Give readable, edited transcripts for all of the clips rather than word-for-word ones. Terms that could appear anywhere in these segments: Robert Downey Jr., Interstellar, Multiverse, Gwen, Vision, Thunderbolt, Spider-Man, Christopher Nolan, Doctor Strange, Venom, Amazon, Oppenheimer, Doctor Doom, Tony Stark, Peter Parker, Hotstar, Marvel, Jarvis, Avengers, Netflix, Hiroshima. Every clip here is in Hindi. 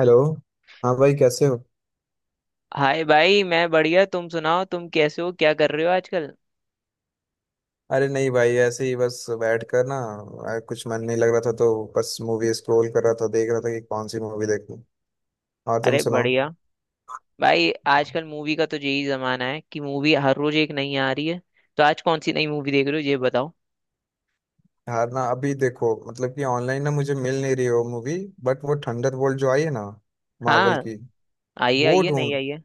हेलो। हाँ भाई, कैसे हो? हाय भाई, मैं बढ़िया। तुम सुनाओ, तुम कैसे हो? क्या कर रहे हो आजकल? अरे नहीं भाई, ऐसे ही बस बैठ कर ना। कुछ मन नहीं लग रहा था तो। बस मूवी स्क्रॉल कर रहा था, देख रहा था कि कौन सी मूवी देखूं। और तुम अरे सुनाओ। बढ़िया। भाई आजकल मूवी का तो यही जमाना है कि मूवी हर रोज एक नई आ रही है। तो आज कौन सी नई मूवी देख रहे हो, ये बताओ? यार ना, अभी देखो मतलब कि ऑनलाइन ना, मुझे मिल नहीं रही हो मूवी। बट वो थंडरबोल्ट जो आई है ना। मार्वल हाँ। की। आइए वो आइए नहीं ढूंढ। आइए।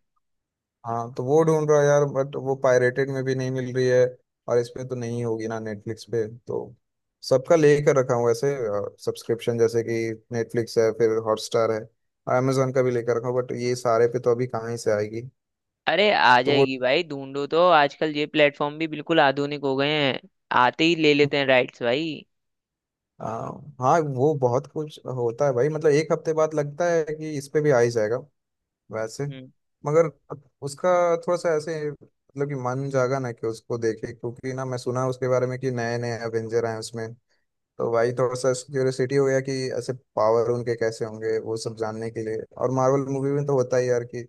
हाँ, तो वो ढूंढ रहा यार, बट वो पायरेटेड में भी नहीं मिल रही है। और इसमें तो नहीं होगी ना, नेटफ्लिक्स पे तो। सबका लेकर रखा हूँ ऐसे। सब्सक्रिप्शन जैसे कि। नेटफ्लिक्स है, फिर हॉटस्टार है। और Amazon का भी लेकर रखा हूँ, बट ये सारे पे तो अभी कहाँ ही से आएगी। अरे आ तो वो। जाएगी भाई, ढूंढो तो। आजकल ये प्लेटफॉर्म भी बिल्कुल आधुनिक हो गए हैं। आते ही ले लेते हैं राइट्स भाई। आ, हाँ वो बहुत कुछ होता है भाई, मतलब एक हफ्ते बाद लगता है कि इस पे भी आ ही जाएगा। वैसे। हम्म। मगर। उसका। थोड़ा सा ऐसे मतलब कि मन जागा ना कि उसको देखे, क्योंकि ना मैं सुना उसके बारे में कि नए नए एवेंजर आए हैं उसमें। तो भाई थोड़ा सा क्यूरियोसिटी हो गया कि। ऐसे पावर उनके कैसे होंगे वो सब जानने के लिए, और मार्वल मूवी में तो होता ही यार कि।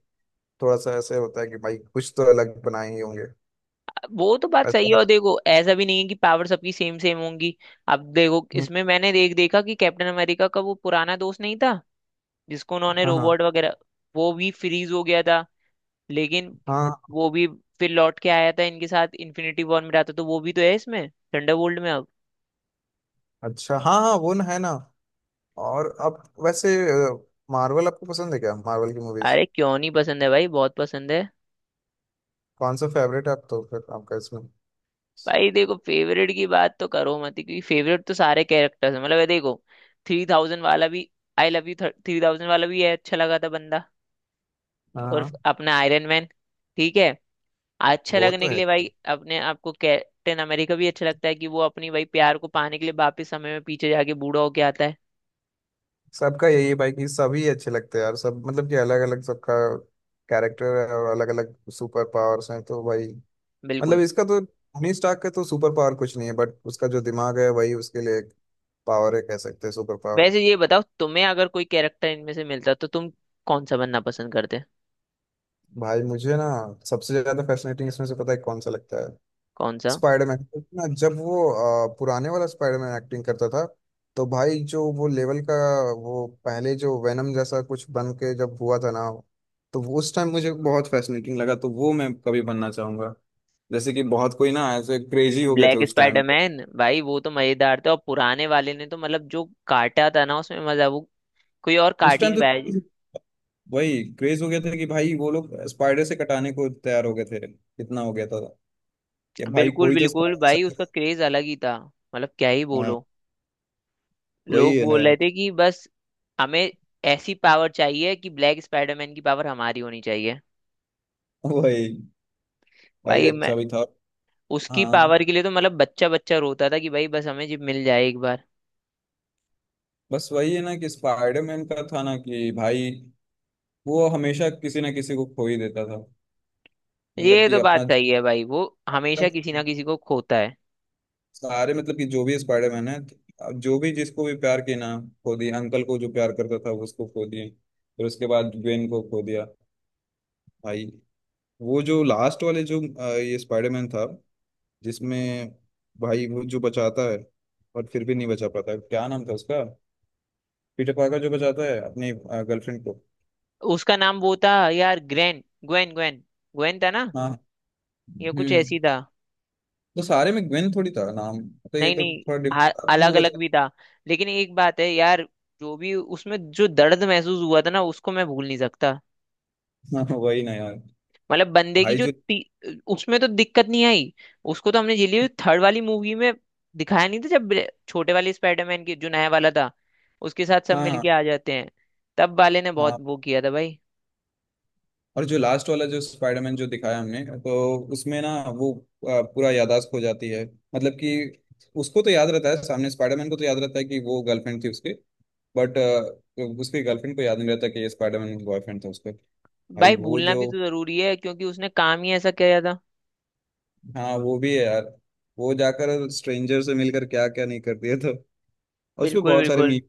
थोड़ा सा ऐसे होता है कि भाई कुछ तो अलग बनाए ही होंगे। वो तो बात वैसे सही है। और आप। देखो, ऐसा भी नहीं है कि पावर सबकी सेम सेम होंगी। अब देखो, हम्म। इसमें मैंने देखा कि कैप्टन अमेरिका का वो पुराना दोस्त नहीं था जिसको उन्होंने हाँ हाँ। रोबोट वगैरह, वो भी फ्रीज हो गया था। लेकिन हाँ। वो भी फिर लौट के आया था, इनके साथ इन्फिनिटी वॉर में रहा था, तो वो भी तो है इसमें, थंडरबोल्ट में अब। अच्छा, हाँ हाँ, वो ना है ना। और अब वैसे। मार्वल आपको पसंद है क्या, मार्वल की मूवीज? अरे क्यों नहीं पसंद है भाई, बहुत पसंद है। कौन सा फेवरेट है आप तो फिर आपका इसमें? भाई देखो, फेवरेट की बात तो करो मत ही, क्योंकि फेवरेट तो सारे कैरेक्टर्स हैं। मतलब ये देखो, 3000 वाला भी, आई लव यू 3000 वाला भी है, अच्छा लगा था बंदा। हाँ और हाँ। अपना आयरन मैन, ठीक है अच्छा वो तो लगने के है। लिए भाई। अपने आपको कैप्टन अमेरिका भी अच्छा लगता है कि वो अपनी भाई प्यार को पाने के लिए वापस समय में पीछे जाके बूढ़ा होके आता है। सबका यही है भाई कि सभी अच्छे लगते हैं यार सब, मतलब कि अलग अलग सबका। कैरेक्टर है और अलग अलग सुपर पावर्स हैं तो भाई। मतलब बिल्कुल। इसका तो टोनी स्टार्क का तो सुपर पावर कुछ नहीं है, बट उसका जो दिमाग है वही उसके लिए एक। पावर है, कह सकते हैं सुपर पावर। वैसे ये बताओ, तुम्हें अगर कोई कैरेक्टर इनमें से मिलता तो तुम कौन सा बनना पसंद करते? भाई मुझे ना। सबसे ज्यादा फैसिनेटिंग इसमें से पता है कौन सा लगता है? कौन सा? स्पाइडरमैन। ना जब वो। पुराने वाला स्पाइडरमैन एक्टिंग करता था। तो भाई जो वो लेवल का। वो पहले जो वेनम जैसा कुछ बन के जब हुआ था ना। तो वो उस टाइम मुझे बहुत फैसिनेटिंग लगा, तो वो मैं कभी बनना चाहूंगा। जैसे कि बहुत कोई ना ऐसे क्रेजी हो गए थे ब्लैक उस टाइम पे। स्पाइडरमैन भाई, वो तो मजेदार था। और पुराने वाले ने तो मतलब जो काटा था ना, उसमें मजा, वो कोई और उस काट ही टाइम नहीं तो। पाया। वही क्रेज हो गया था कि भाई वो लोग स्पाइडर से कटाने को तैयार हो गए थे, कितना हो गया था। कि भाई बिल्कुल कोई तो बिल्कुल स्पाइडर से। भाई, उसका क्रेज अलग ही था। मतलब क्या ही हाँ, बोलो। वही लोग है ना बोल रहे यार। थे कि बस हमें ऐसी पावर चाहिए कि ब्लैक स्पाइडरमैन की पावर हमारी होनी चाहिए। वही। भाई भाई मैं, अच्छा भी था। उसकी हाँ। पावर के लिए तो मतलब बच्चा बच्चा रोता था कि भाई बस हमें जी मिल जाए एक बार। बस वही है ना कि स्पाइडरमैन का था ना कि भाई। वो हमेशा किसी ना किसी को खो ही देता था। मतलब ये कि तो अपना। बात सही है भाई, वो हमेशा किसी ना किसी को खोता है। सारे मतलब कि जो भी स्पाइडरमैन है। जो भी जिसको भी प्यार किया ना। खो दिया, अंकल को जो प्यार करता था उसको खो दिए। फिर उसके बाद ग्वेन को खो दिया। भाई। वो जो लास्ट वाले जो ये स्पाइडरमैन था। जिसमें। भाई वो जो बचाता है। और फिर भी नहीं बचा पाता, क्या नाम था उसका? पीटर पार्कर जो बचाता है अपनी गर्लफ्रेंड को। उसका नाम वो था यार, ग्रेन, ग्वेन ग्वेन, ग्वेन था ना? हाँ। ये कुछ हम्म। ऐसी था। तो सारे में ग्वेन थोड़ी था नाम। तो ये नहीं तो नहीं, थोड़ा डिफ। हाँ वो अलग अलग बचा। भी था। लेकिन एक बात है यार, जो भी उसमें जो दर्द महसूस हुआ था ना, उसको मैं भूल नहीं सकता। हाँ वही ना यार। मतलब बंदे की भाई जो जो। उसमें तो दिक्कत नहीं आई। उसको तो हमने झेली थर्ड वाली मूवी में, दिखाया नहीं था जब छोटे वाले स्पाइडरमैन की जो नया वाला था, उसके साथ सब हाँ, मिलके हाँ, आ जाते हैं। तब वाले ने बहुत हाँ। वो किया था भाई। और जो लास्ट वाला जो स्पाइडरमैन जो दिखाया हमने, तो उसमें ना। वो। पूरा याददाश्त हो जाती है। मतलब कि। उसको तो याद रहता है, सामने स्पाइडरमैन को तो याद रहता है कि वो गर्लफ्रेंड थी उसकी। बट। उसकी गर्लफ्रेंड को याद नहीं रहता कि ये स्पाइडरमैन का बॉयफ्रेंड था उसका। भाई भाई वो भूलना जो। भी तो जरूरी है, क्योंकि उसने काम ही ऐसा किया था। हाँ, वो भी है यार। वो जाकर स्ट्रेंजर से मिलकर क्या क्या नहीं कर दिया था। और उसमें बिल्कुल बहुत सारे मी। बिल्कुल।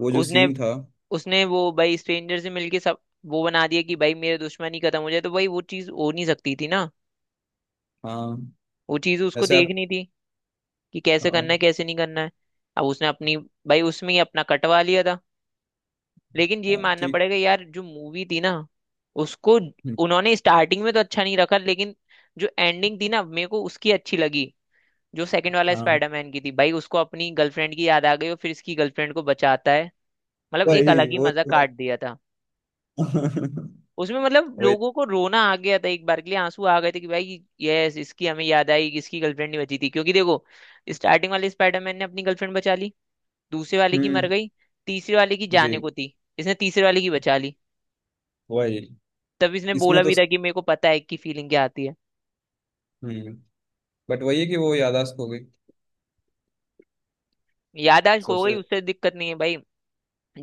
वो जो उसने सीन था। उसने वो भाई स्ट्रेंजर से मिलके सब वो बना दिया कि भाई मेरे दुश्मनी खत्म हो जाए, तो भाई वो चीज हो नहीं सकती थी ना। हाँ। वो चीज उसको वैसे आप। देखनी थी कि कैसे हाँ करना है कैसे नहीं करना है। अब उसने अपनी, भाई उसमें ही अपना कटवा लिया था। लेकिन ये हाँ। मानना ठीक। पड़ेगा यार, जो मूवी थी ना, उसको हम्म। उन्होंने स्टार्टिंग में तो अच्छा नहीं रखा, लेकिन जो एंडिंग थी ना, मेरे को उसकी अच्छी लगी। जो सेकंड वाला हाँ। स्पाइडरमैन की थी भाई, उसको अपनी गर्लफ्रेंड की याद आ गई और फिर इसकी गर्लफ्रेंड को बचाता है। मतलब एक वही अलग ही वो मजा तो है। काट दिया था। उसमें मतलब वही। लोगों को रोना आ गया था, एक बार के लिए आंसू आ गए थे कि भाई यस, इसकी हमें याद आई। इसकी गर्लफ्रेंड नहीं बची थी, क्योंकि देखो स्टार्टिंग वाले स्पाइडरमैन ने अपनी गर्लफ्रेंड बचा ली, दूसरे वाले की मर हम्म। गई, तीसरे वाले की जी। जाने को थी, इसने तीसरे वाले की बचा ली। वही। तब इसने इसमें बोला तो। भी था कि मेरे को पता है कि फीलिंग क्या आती है। हम्म। बट वही है कि वो याददाश्त हो गई। याददाश्त खो गई, सबसे। उससे दिक्कत नहीं है भाई,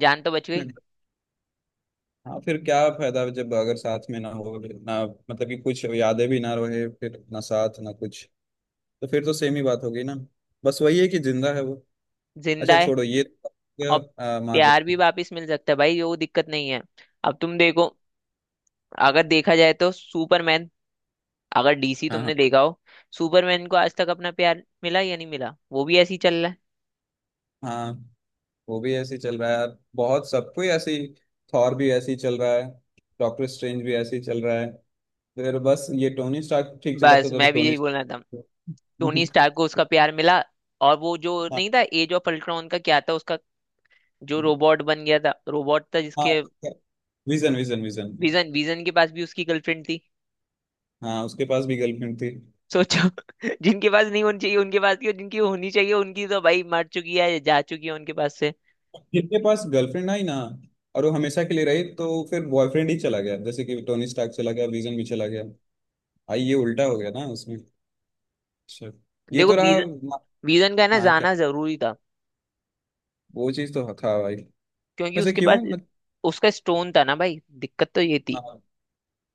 जान तो बच गई, हाँ, फिर क्या फायदा जब अगर साथ में ना हो ना, मतलब कि कुछ यादें भी ना रहे, फिर ना साथ ना कुछ। तो फिर तो सेम ही बात होगी ना। बस वही है कि जिंदा है वो। जिंदा अच्छा है। छोड़ो, ये और क्या मार्वल। प्यार भी वापस मिल सकता है भाई, वो दिक्कत नहीं है। अब तुम देखो, अगर देखा जाए तो सुपरमैन, अगर डीसी हाँ हाँ। तुमने देखा हो, सुपरमैन को आज तक अपना प्यार मिला या नहीं मिला, वो भी ऐसे ही चल रहा है। हाँ। वो भी ऐसे ही चल रहा है यार, बहुत सबको ही ऐसे ही। थॉर भी ऐसे ही चल रहा है। डॉक्टर स्ट्रेंज भी ऐसे ही चल रहा है। फिर बस ये टोनी स्टार्क ठीक चला बस था तो मैं भी टोनी। यही बोलना था। टोनी स्टार्क को उसका प्यार मिला। और वो जो हाँ। नहीं था, एज ऑफ अल्ट्रॉन का क्या था उसका, जो रोबोट बन गया था, रोबोट था हाँ। जिसके, Vision, Vision, Vision. Vision, Vision के पास भी उसकी गर्लफ्रेंड थी। हाँ, उसके पास भी गर्लफ्रेंड थी। सोचो, जिनके पास नहीं होनी चाहिए उनके पास की, और जिनकी होनी चाहिए उनकी तो भाई मर चुकी है, जा चुकी है उनके पास से। जिनके पास गर्लफ्रेंड आई ना। और वो हमेशा के लिए रही तो फिर बॉयफ्रेंड ही चला गया, जैसे कि टोनी स्टार्क चला गया, विजन भी चला गया। आई, ये उल्टा हो गया ना उसमें। अच्छा। ये देखो तो रहा वीजन, म-। वीजन का है ना हाँ क्या? जाना जरूरी था, वो चीज तो था भाई। क्योंकि वैसे उसके पास क्यों मत। उसका स्टोन था ना भाई, दिक्कत तो ये थी। हाँ।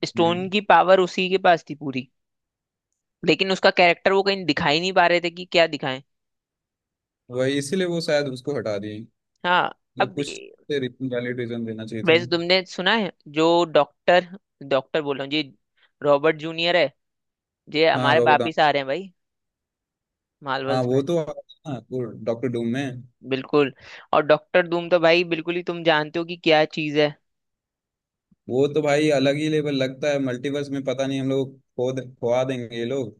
स्टोन हम्म। की पावर उसी के पास थी पूरी, लेकिन उसका कैरेक्टर वो कहीं दिखा ही नहीं पा रहे थे कि क्या दिखाएं। वही, इसीलिए वो शायद उसको हटा दिए। हाँ अब मतलब कुछ। वैलिड रीजन देना चाहिए था वैसे ना। तुमने सुना है, जो डॉक्टर डॉक्टर बोल रहा हूँ जी, रॉबर्ट जूनियर है, ये हाँ हमारे रॉबर्ट। वापिस आ रहे हैं भाई, हाँ मार्वल्स वो में। तो, हाँ वो डॉक्टर डूम में। बिल्कुल। और डॉक्टर धूम तो भाई बिल्कुल ही तुम जानते हो कि क्या चीज है। वो तो भाई अलग ही लेवल लगता है मल्टीवर्स में, पता नहीं हम लोग खोआ देंगे ये लोग।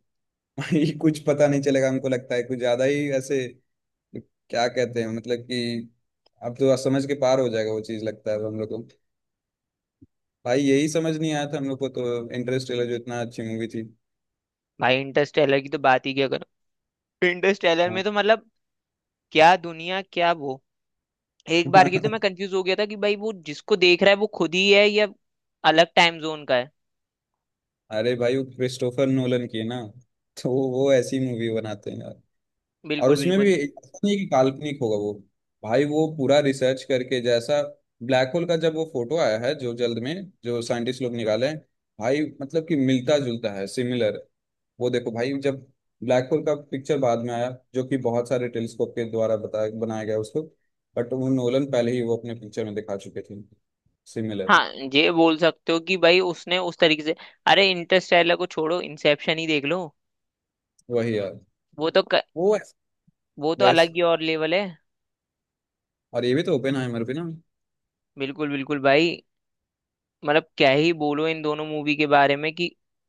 ये कुछ पता नहीं चलेगा हमको, लगता है कुछ ज्यादा ही ऐसे। क्या कहते हैं मतलब कि। अब तो समझ के पार हो जाएगा वो चीज, लगता है अब हम लोग को। भाई यही समझ नहीं आया था हम लोग को तो, इंटरस्टेलर जो इतना अच्छी मूवी थी। भाई इंटरस्टेलर की तो बात ही क्या करो। इंटरस्टेलर हाँ। में तो मतलब क्या दुनिया, क्या वो। एक बार की तो मैं कंफ्यूज हो गया था कि भाई वो जिसको देख रहा है वो खुद ही है या अलग टाइम जोन का है। अरे भाई वो क्रिस्टोफर नोलन की है ना। तो वो ऐसी मूवी बनाते हैं यार। और बिल्कुल उसमें बिल्कुल। भी ऐसा नहीं कि काल्पनिक होगा वो। भाई वो पूरा रिसर्च करके जैसा। ब्लैक होल का जब वो फोटो आया है जो जल्द में। जो साइंटिस्ट लोग निकाले हैं। भाई मतलब कि मिलता जुलता है सिमिलर। वो देखो भाई जब। ब्लैक होल का पिक्चर बाद में आया, जो कि बहुत सारे टेलीस्कोप के द्वारा बताया बनाया गया उसको। बट वो नोलन पहले ही वो अपने पिक्चर में दिखा चुके थे। सिमिलर। हाँ ये बोल सकते हो कि भाई उसने उस तरीके से, अरे इंटरस्टेलर को छोड़ो, इंसेप्शन ही देख लो। वही यार। वो तो वो। वो तो वैस। अलग ही और लेवल है। और ये भी तो ओपेनहाइमर भी ना। बिल्कुल बिल्कुल भाई। मतलब क्या ही बोलो इन दोनों मूवी के बारे में कि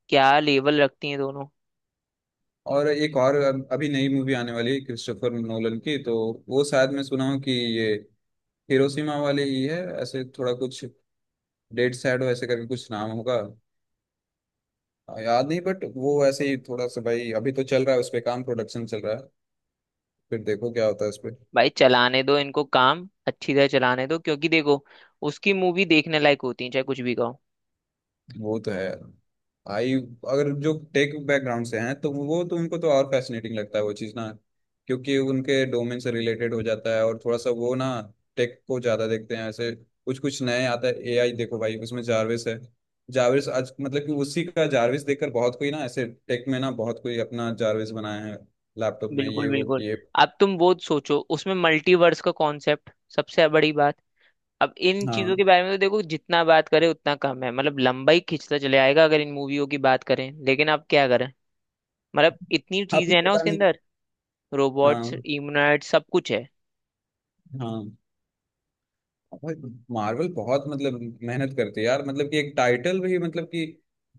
क्या लेवल रखती हैं दोनों। और एक और अभी नई मूवी आने वाली है क्रिस्टोफर नोलन की तो। वो शायद मैं सुना हूँ कि ये। हिरोशिमा वाले ही है, ऐसे थोड़ा कुछ। डेड सैड ऐसे करके कुछ नाम होगा। याद नहीं, बट वो ऐसे ही थोड़ा सा भाई, अभी तो चल रहा है उस पे काम, प्रोडक्शन चल रहा है। फिर देखो क्या होता है उस पे। भाई चलाने दो इनको काम, अच्छी तरह चलाने दो, क्योंकि देखो उसकी मूवी देखने लायक होती है, चाहे कुछ भी कहो। वो तो है। आई। अगर जो टेक बैकग्राउंड से हैं तो वो तो उनको तो और फैसिनेटिंग लगता है वो चीज़ ना। क्योंकि उनके डोमेन से रिलेटेड हो जाता है, और थोड़ा सा वो ना। टेक को ज़्यादा देखते हैं ऐसे। कुछ कुछ नए आता है, एआई देखो भाई उसमें जारविस है। जारविस आज मतलब कि उसी का जारविस देखकर बहुत कोई ना ऐसे टेक में ना, बहुत कोई अपना जारविस बनाया है। लैपटॉप में बिल्कुल ये वो बिल्कुल। किए। अब तुम वो सोचो, उसमें मल्टीवर्स का कॉन्सेप्ट, सबसे बड़ी बात। अब इन चीजों हाँ। के बारे में तो देखो, जितना बात करें उतना कम है। मतलब लंबाई खिंचता चले आएगा अगर इन मूवियों की बात करें, लेकिन अब क्या करें। मतलब इतनी अभी चीजें हैं ना पता उसके नहीं। अंदर, रोबोट्स, हाँ। इम्यूनॉइड, सब कुछ है। हाँ। भाई। मार्वल बहुत मतलब मेहनत करती है यार, मतलब कि एक टाइटल भी मतलब कि।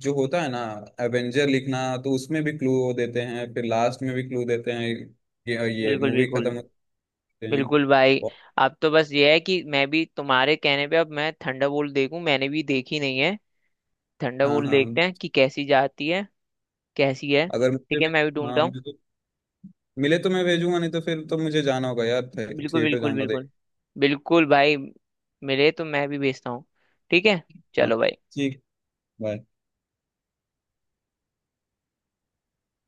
जो होता है ना। एवेंजर लिखना। तो उसमें भी क्लू। देते हैं, फिर लास्ट में भी क्लू देते हैं। ये बिल्कुल मूवी बिल्कुल खत्म होते। हैं। बिल्कुल भाई। बहुत-। अब तो बस ये है कि मैं भी तुम्हारे कहने पे अब मैं थंडरबोल्ट देखूं, मैंने भी देखी नहीं है। हाँ थंडरबोल्ट हाँ। देखते हैं कि कैसी जाती है, कैसी है। अगर ठीक मुझे है, भी। मैं भी ढूंढता हाँ हूँ। मुझे तो। मिले तो मैं भेजूंगा, नहीं तो फिर तो मुझे जाना होगा यार, बिल्कुल थिएटर बिल्कुल जाऊंगा बिल्कुल देख। बिल्कुल भाई, मिले तो मैं भी भेजता हूँ। ठीक है, हाँ। चलो भाई। ठीक। बाय।